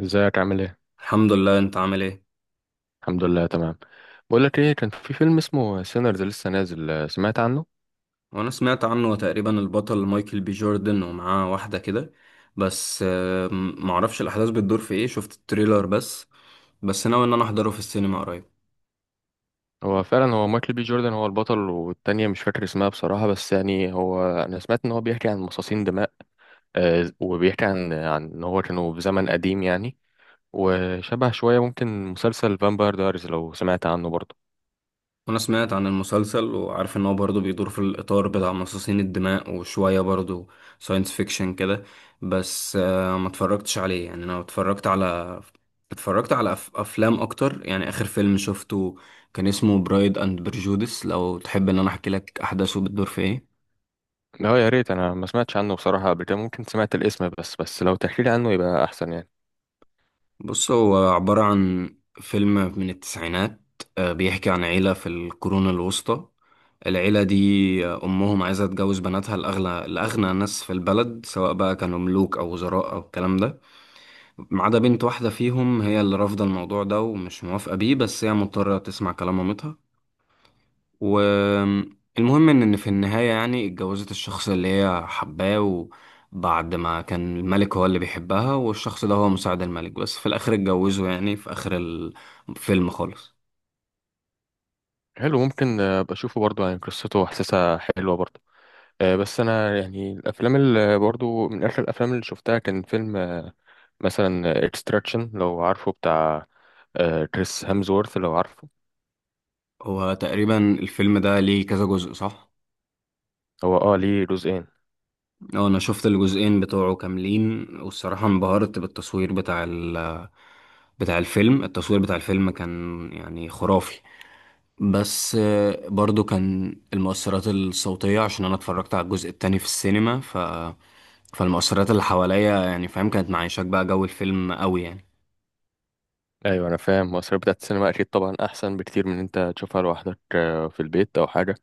ازيك عامل ايه؟ الحمد لله، انت عامل ايه؟ الحمد لله تمام. بقول لك ايه، كان في فيلم اسمه سينرز لسه نازل، سمعت عنه؟ وانا سمعت عنه تقريبا، البطل مايكل بي جوردن ومعاه واحدة كده. بس معرفش الاحداث بتدور في ايه، شفت التريلر بس. بس ناوي ان انا احضره في السينما قريب. هو فعلا هو مايكل بي جوردن هو البطل، والتانية مش فاكر اسمها بصراحة، بس يعني هو انا سمعت ان هو بيحكي عن مصاصين دماء. وبيحكي عن ان هو كانوا في زمن قديم يعني. وشبه شوية ممكن مسلسل فامباير دايرز، لو سمعت عنه برضه. انا سمعت عن المسلسل وعارف ان هو برضه بيدور في الاطار بتاع مصاصين الدماء، وشويه برضه ساينس فيكشن كده. بس ما اتفرجتش عليه يعني. انا اتفرجت على افلام اكتر. يعني اخر فيلم شفته كان اسمه برايد اند برجودس، لو تحب ان انا احكي لك. احداثه بتدور في ايه؟ لا، يا ريت، انا ما سمعتش عنه بصراحة قبل كده، ممكن سمعت الاسم بس لو تحكي لي عنه يبقى احسن يعني. بص، هو عبارة عن فيلم من التسعينات. بيحكي عن عيلة في القرون الوسطى. العيلة دي أمهم عايزة تجوز بناتها لأغنى ناس في البلد، سواء بقى كانوا ملوك أو وزراء أو الكلام ده. ما عدا بنت واحدة فيهم، هي اللي رافضة الموضوع ده ومش موافقة بيه، بس هي مضطرة تسمع كلام مامتها. والمهم ان في النهاية يعني اتجوزت الشخص اللي هي حباه. وبعد ما كان الملك هو اللي بيحبها، والشخص ده هو مساعد الملك، بس في الاخر اتجوزوا يعني، في اخر الفيلم خالص. حلو، ممكن بشوفه برضه يعني، قصته وحساسة حلوة برضه. بس انا يعني الافلام اللي برضو من اخر الافلام اللي شفتها كان فيلم مثلا اكستراكشن، لو عارفه، بتاع كريس هامزورث، لو عارفه. هو تقريبا الفيلم ده ليه كذا جزء، صح؟ هو اه ليه جزئين. اه، انا شفت الجزئين بتوعه كاملين، والصراحة انبهرت بالتصوير بتاع بتاع الفيلم. التصوير بتاع الفيلم كان يعني خرافي. بس برضو كان المؤثرات الصوتية، عشان أنا اتفرجت على الجزء التاني في السينما فالمؤثرات اللي حواليا يعني، فاهم، كانت معيشاك بقى جو الفيلم قوي يعني. ايوه، انا فاهم، مصاريف بتاعت السينما اكيد طبعا احسن بكتير من إن انت تشوفها لوحدك في البيت او حاجه.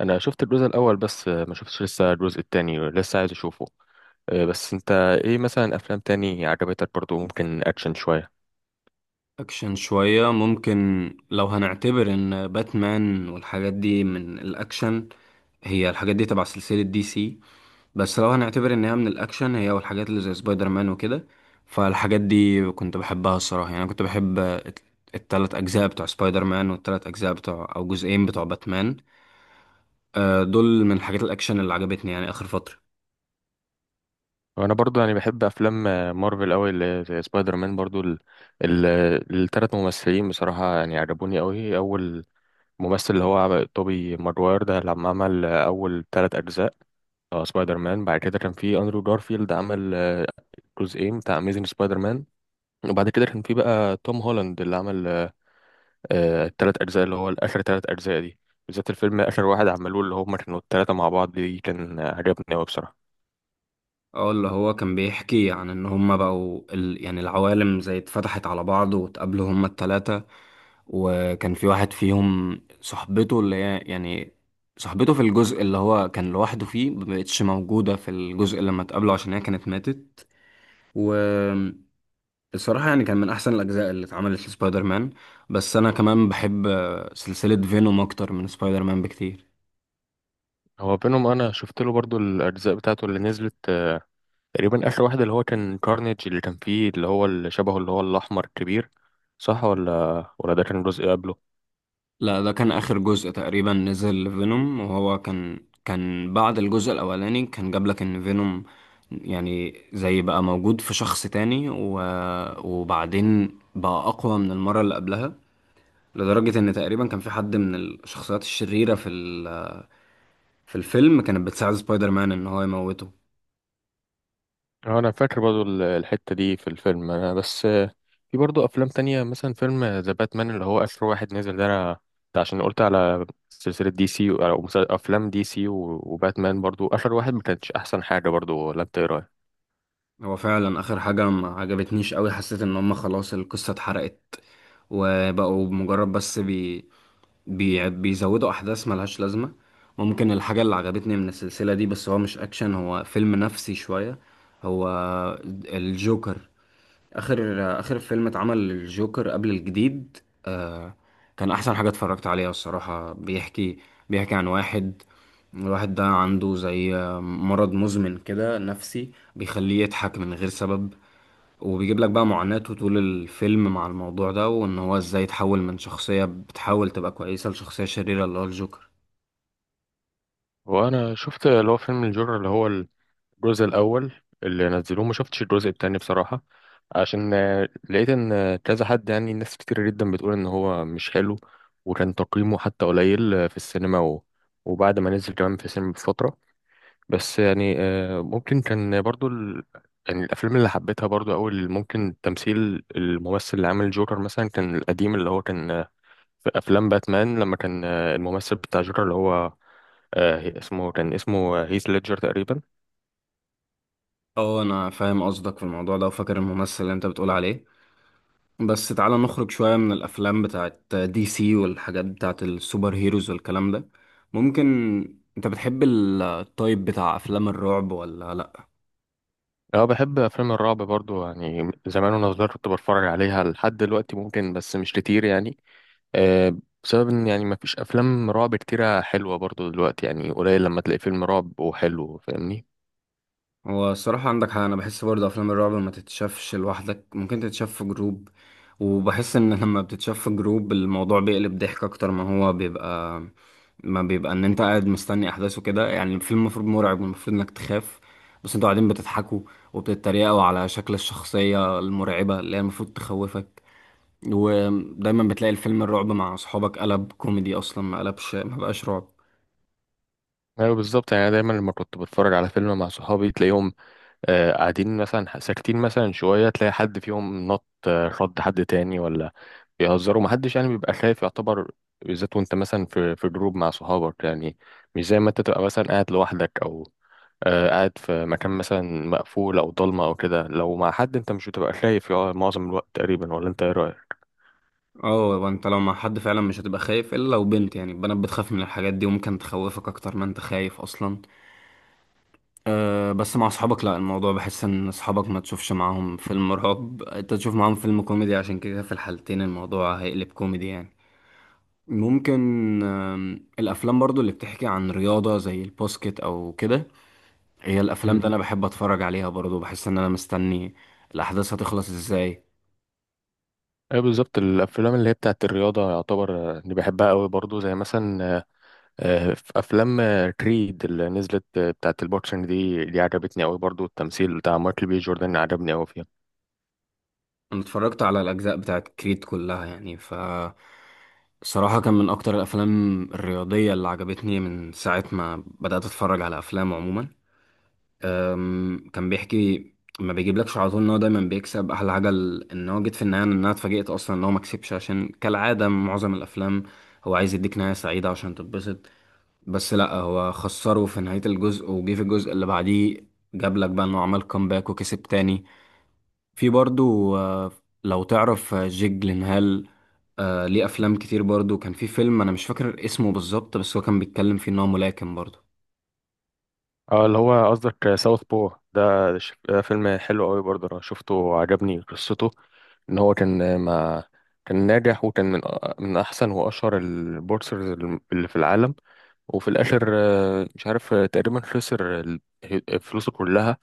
انا شفت الجزء الاول بس، ما شفتش لسه الجزء التاني، لسه عايز اشوفه. بس انت ايه مثلا افلام تاني عجبتك برضو؟ ممكن اكشن شويه. أكشن شوية ممكن، لو هنعتبر إن باتمان والحاجات دي من الأكشن. هي الحاجات دي تبع سلسلة دي سي. بس لو هنعتبر إن هي من الأكشن، هي والحاجات اللي زي سبايدر مان وكده، فالحاجات دي كنت بحبها الصراحة يعني. أنا كنت بحب التلات أجزاء بتوع سبايدر مان، والتلات أجزاء بتوع، أو جزئين بتوع، باتمان. دول من حاجات الاكشن اللي عجبتني يعني اخر فتره. وانا برضو يعني بحب افلام مارفل قوي، اللي زي سبايدر مان برضو ال... ال3 ممثلين بصراحه يعني عجبوني قوي. اول ممثل اللي هو توبي ماجواير ده لما عمل اول 3 اجزاء سبايدر مان. بعد كده كان في اندرو جارفيلد عمل جزئين بتاع اميزنج سبايدر مان. وبعد كده كان في بقى توم هولاند اللي عمل ال3 اجزاء اللي هو اخر 3 اجزاء دي. بالذات الفيلم اخر واحد عملوه اللي هم كانوا الثلاثه مع بعض دي كان عجبني قوي بصراحه. اه، اللي هو كان بيحكي عن ان هما بقوا يعني العوالم زي اتفتحت على بعض، واتقابلوا هما التلاتة. وكان في واحد فيهم صاحبته، اللي هي يعني صاحبته في الجزء اللي هو كان لوحده فيه، مبقتش موجودة في الجزء لما اتقابلوا، عشان هي كانت ماتت. والصراحة يعني كان من أحسن الأجزاء اللي اتعملت لسبايدر مان. بس أنا كمان بحب سلسلة فينوم أكتر من سبايدر مان بكتير. هو بينهم انا شفت له برضو الاجزاء بتاعته اللي نزلت، تقريبا اخر واحد اللي هو كان كارنيج اللي كان فيه اللي هو اللي شبهه اللي هو الاحمر الكبير، صح؟ ولا ده كان جزء قبله. لا، ده كان آخر جزء تقريبا نزل فينوم، وهو كان بعد الجزء الأولاني. كان جاب لك إن فينوم يعني زي بقى موجود في شخص تاني، وبعدين بقى أقوى من المرة اللي قبلها. لدرجة إن تقريبا كان في حد من الشخصيات الشريرة في في الفيلم كانت بتساعد سبايدر مان إن هو يموته. انا فاكر برضو الحتة دي في الفيلم انا بس، في برضو افلام تانية مثلا فيلم ذا باتمان اللي هو اخر واحد نزل ده. انا ده عشان قلت على سلسلة دي سي او افلام دي سي وباتمان برضو اخر واحد ما كانتش احسن حاجة برضو، ولا انت ايه رايك؟ هو فعلا آخر حاجة ما عجبتنيش قوي. حسيت إن هما خلاص القصة اتحرقت، وبقوا مجرد بس بيزودوا احداث ملهاش لازمه. ممكن الحاجه اللي عجبتني من السلسله دي، بس هو مش اكشن، هو فيلم نفسي شويه، هو الجوكر. اخر اخر فيلم اتعمل للجوكر قبل الجديد. آه... كان احسن حاجه اتفرجت عليها الصراحه. بيحكي عن واحد. الواحد ده عنده زي مرض مزمن كده نفسي بيخليه يضحك من غير سبب. وبيجيب لك بقى معاناته طول الفيلم مع الموضوع ده، وان هو ازاي يتحول من شخصية بتحاول تبقى كويسة لشخصية شريرة اللي هو الجوكر. وانا شفت اللي هو فيلم الجورة اللي هو الجزء الاول اللي نزلوه. ما شفتش الجزء التاني بصراحه، عشان لقيت ان كذا حد يعني ناس كتير جدا بتقول ان هو مش حلو، وكان تقييمه حتى قليل في السينما وبعد ما نزل كمان في السينما بفتره. بس يعني، ممكن كان برضو يعني الافلام اللي حبيتها برضو اول ممكن تمثيل الممثل اللي عامل جوكر مثلا كان القديم اللي هو كان، في افلام باتمان لما كان الممثل بتاع جوكر اللي هو اسمه كان اسمه هيث ليدجر تقريبا. اه، انا فاهم قصدك في الموضوع ده وفاكر الممثل اللي انت بتقول عليه. بس تعالى نخرج شوية من الافلام بتاعت دي سي والحاجات بتاعت السوبر هيروز والكلام ده. ممكن، انت بتحب التايب بتاع افلام الرعب ولا؟ اه بحب افلام الرعب برضو يعني، زمان وانا صغير كنت بتفرج عليها لحد دلوقتي، ممكن بس مش كتير يعني. آه بسبب ان يعني ما فيش افلام رعب كتيرة حلوة برضو دلوقتي، يعني قليل لما تلاقي فيلم رعب وحلو، فاهمني. هو الصراحة عندك حق، أنا بحس برضه أفلام الرعب ما تتشافش لوحدك، ممكن تتشاف في جروب. وبحس إن لما بتتشاف في جروب، الموضوع بيقلب ضحك أكتر ما بيبقى إن أنت قاعد مستني أحداثه كده يعني. الفيلم المفروض مرعب والمفروض إنك تخاف، بس أنتوا قاعدين بتضحكوا، وبتتريقوا على شكل الشخصية المرعبة اللي هي المفروض تخوفك. ودايما بتلاقي الفيلم الرعب مع أصحابك قلب كوميدي، أصلا ما قلبش، ما بقاش رعب. ايوه، بالظبط، يعني دايما لما كنت بتفرج على فيلم مع صحابي تلاقيهم قاعدين مثلا ساكتين مثلا شوية، تلاقي حد فيهم نط رد حد تاني، ولا بيهزروا، محدش يعني بيبقى خايف يعتبر. بالذات وانت مثلا في جروب مع صحابك يعني، مش زي ما انت تبقى مثلا قاعد لوحدك او قاعد في مكان مثلا مقفول او ضلمه او كده، لو مع حد انت مش بتبقى خايف يقع معظم الوقت تقريبا، ولا انت ايه رايك؟ اه، انت لو مع حد فعلا مش هتبقى خايف، الا لو بنت، يعني البنات بتخاف من الحاجات دي وممكن تخوفك اكتر ما انت خايف اصلا. أه، بس مع اصحابك لا، الموضوع بحس ان اصحابك ما تشوفش معاهم فيلم رعب، انت تشوف معاهم فيلم كوميدي، عشان كده في الحالتين الموضوع هيقلب كوميدي يعني. ممكن الافلام برضو اللي بتحكي عن رياضة زي الباسكت او كده، هي الافلام امم ده انا بحب اتفرج عليها برضو، بحس ان انا مستني الاحداث هتخلص ازاي. ايه بالظبط، الافلام اللي هي بتاعت الرياضه يعتبر اللي بحبها قوي برضو، زي مثلا في افلام كريد اللي نزلت بتاعت البوكسنج دي عجبتني قوي برضو، التمثيل بتاع مايكل بي جوردن عجبني قوي فيها. انا اتفرجت على الاجزاء بتاعت كريد كلها، يعني ف الصراحه كان من اكتر الافلام الرياضيه اللي عجبتني من ساعه ما بدات اتفرج على افلام عموما. كان بيحكي، ما بيجيبلكش على طول ان هو دايما بيكسب احلى حاجه، ان هو جيت في النهايه ان انا اتفاجئت اصلا ان هو ما كسبش، عشان كالعاده معظم الافلام هو عايز يديك نهايه سعيده عشان تتبسط. بس لا، هو خسره في نهايه الجزء، وجه في الجزء اللي بعديه جابلك بقى انه عمل كومباك وكسب تاني. في برضو لو تعرف جيك جلينهال، ليه افلام كتير برضو. كان في فيلم انا مش فاكر اسمه بالظبط، بس هو كان بيتكلم فيه ان هو ملاكم برضو. اه اللي هو قصدك ساوث بو ده، ده فيلم حلو قوي برضه، انا شفته عجبني قصته. ان هو كان ما كان ناجح وكان من احسن واشهر البورسرز اللي في العالم، وفي الاخر مش عارف تقريبا خسر فلوسه كلها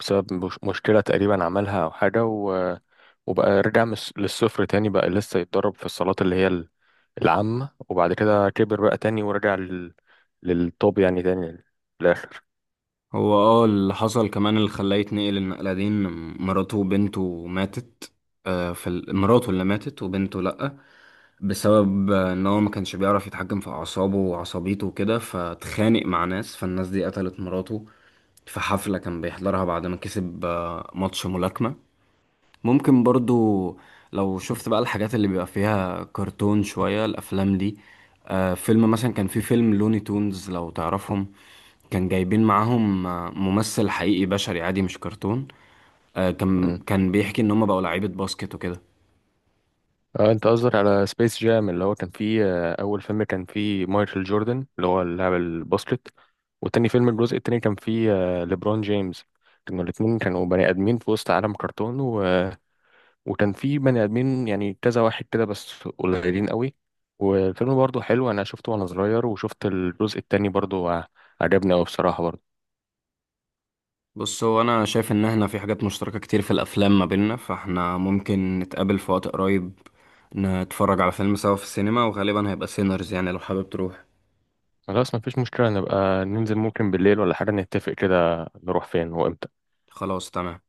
بسبب مشكلة تقريبا عملها او حاجة، و- وبقى رجع من للصفر تاني، بقى لسه يتدرب في الصالات اللي هي العامة، وبعد كده كبر بقى تاني ورجع للتوب يعني تاني في الاخر. هو اه، اللي حصل كمان اللي خلاه يتنقل النقلة دي، ان مراته وبنته ماتت. في مراته اللي ماتت وبنته لأ. بسبب ان هو ما كانش بيعرف يتحكم في اعصابه وعصبيته وكده، فاتخانق مع ناس، فالناس دي قتلت مراته في حفلة كان بيحضرها بعد ما كسب ماتش ملاكمة. ممكن برضو لو شفت بقى الحاجات اللي بيبقى فيها كرتون شوية، الأفلام دي، آه، فيلم مثلا. كان في فيلم لوني تونز، لو تعرفهم، كان جايبين معاهم ممثل حقيقي بشري عادي مش كرتون. آه، مم. كان بيحكي إن هما بقوا لعيبة باسكت وكده. اه انت قصدك على سبيس جام اللي هو كان فيه اول فيلم كان فيه مايكل جوردن اللي هو اللاعب الباسكت. والتاني فيلم الجزء التاني كان فيه ليبرون جيمس. كانوا الاتنين كانوا بني ادمين في وسط عالم كرتون وكان فيه بني ادمين يعني كذا واحد كده بس قليلين قوي. والفيلم برضه حلو، انا شفته وانا صغير، وشفت الجزء التاني برضه عجبني قوي بصراحة برضه. بص، هو أنا شايف إن احنا في حاجات مشتركة كتير في الأفلام ما بيننا، فاحنا ممكن نتقابل في وقت قريب، نتفرج على فيلم سوا في السينما، وغالبا هيبقى سينرز، يعني لو حابب تروح. خلاص، مفيش مشكلة، نبقى ننزل ممكن بالليل ولا حاجة، نتفق كده نروح فين وامتى. خلاص، تمام.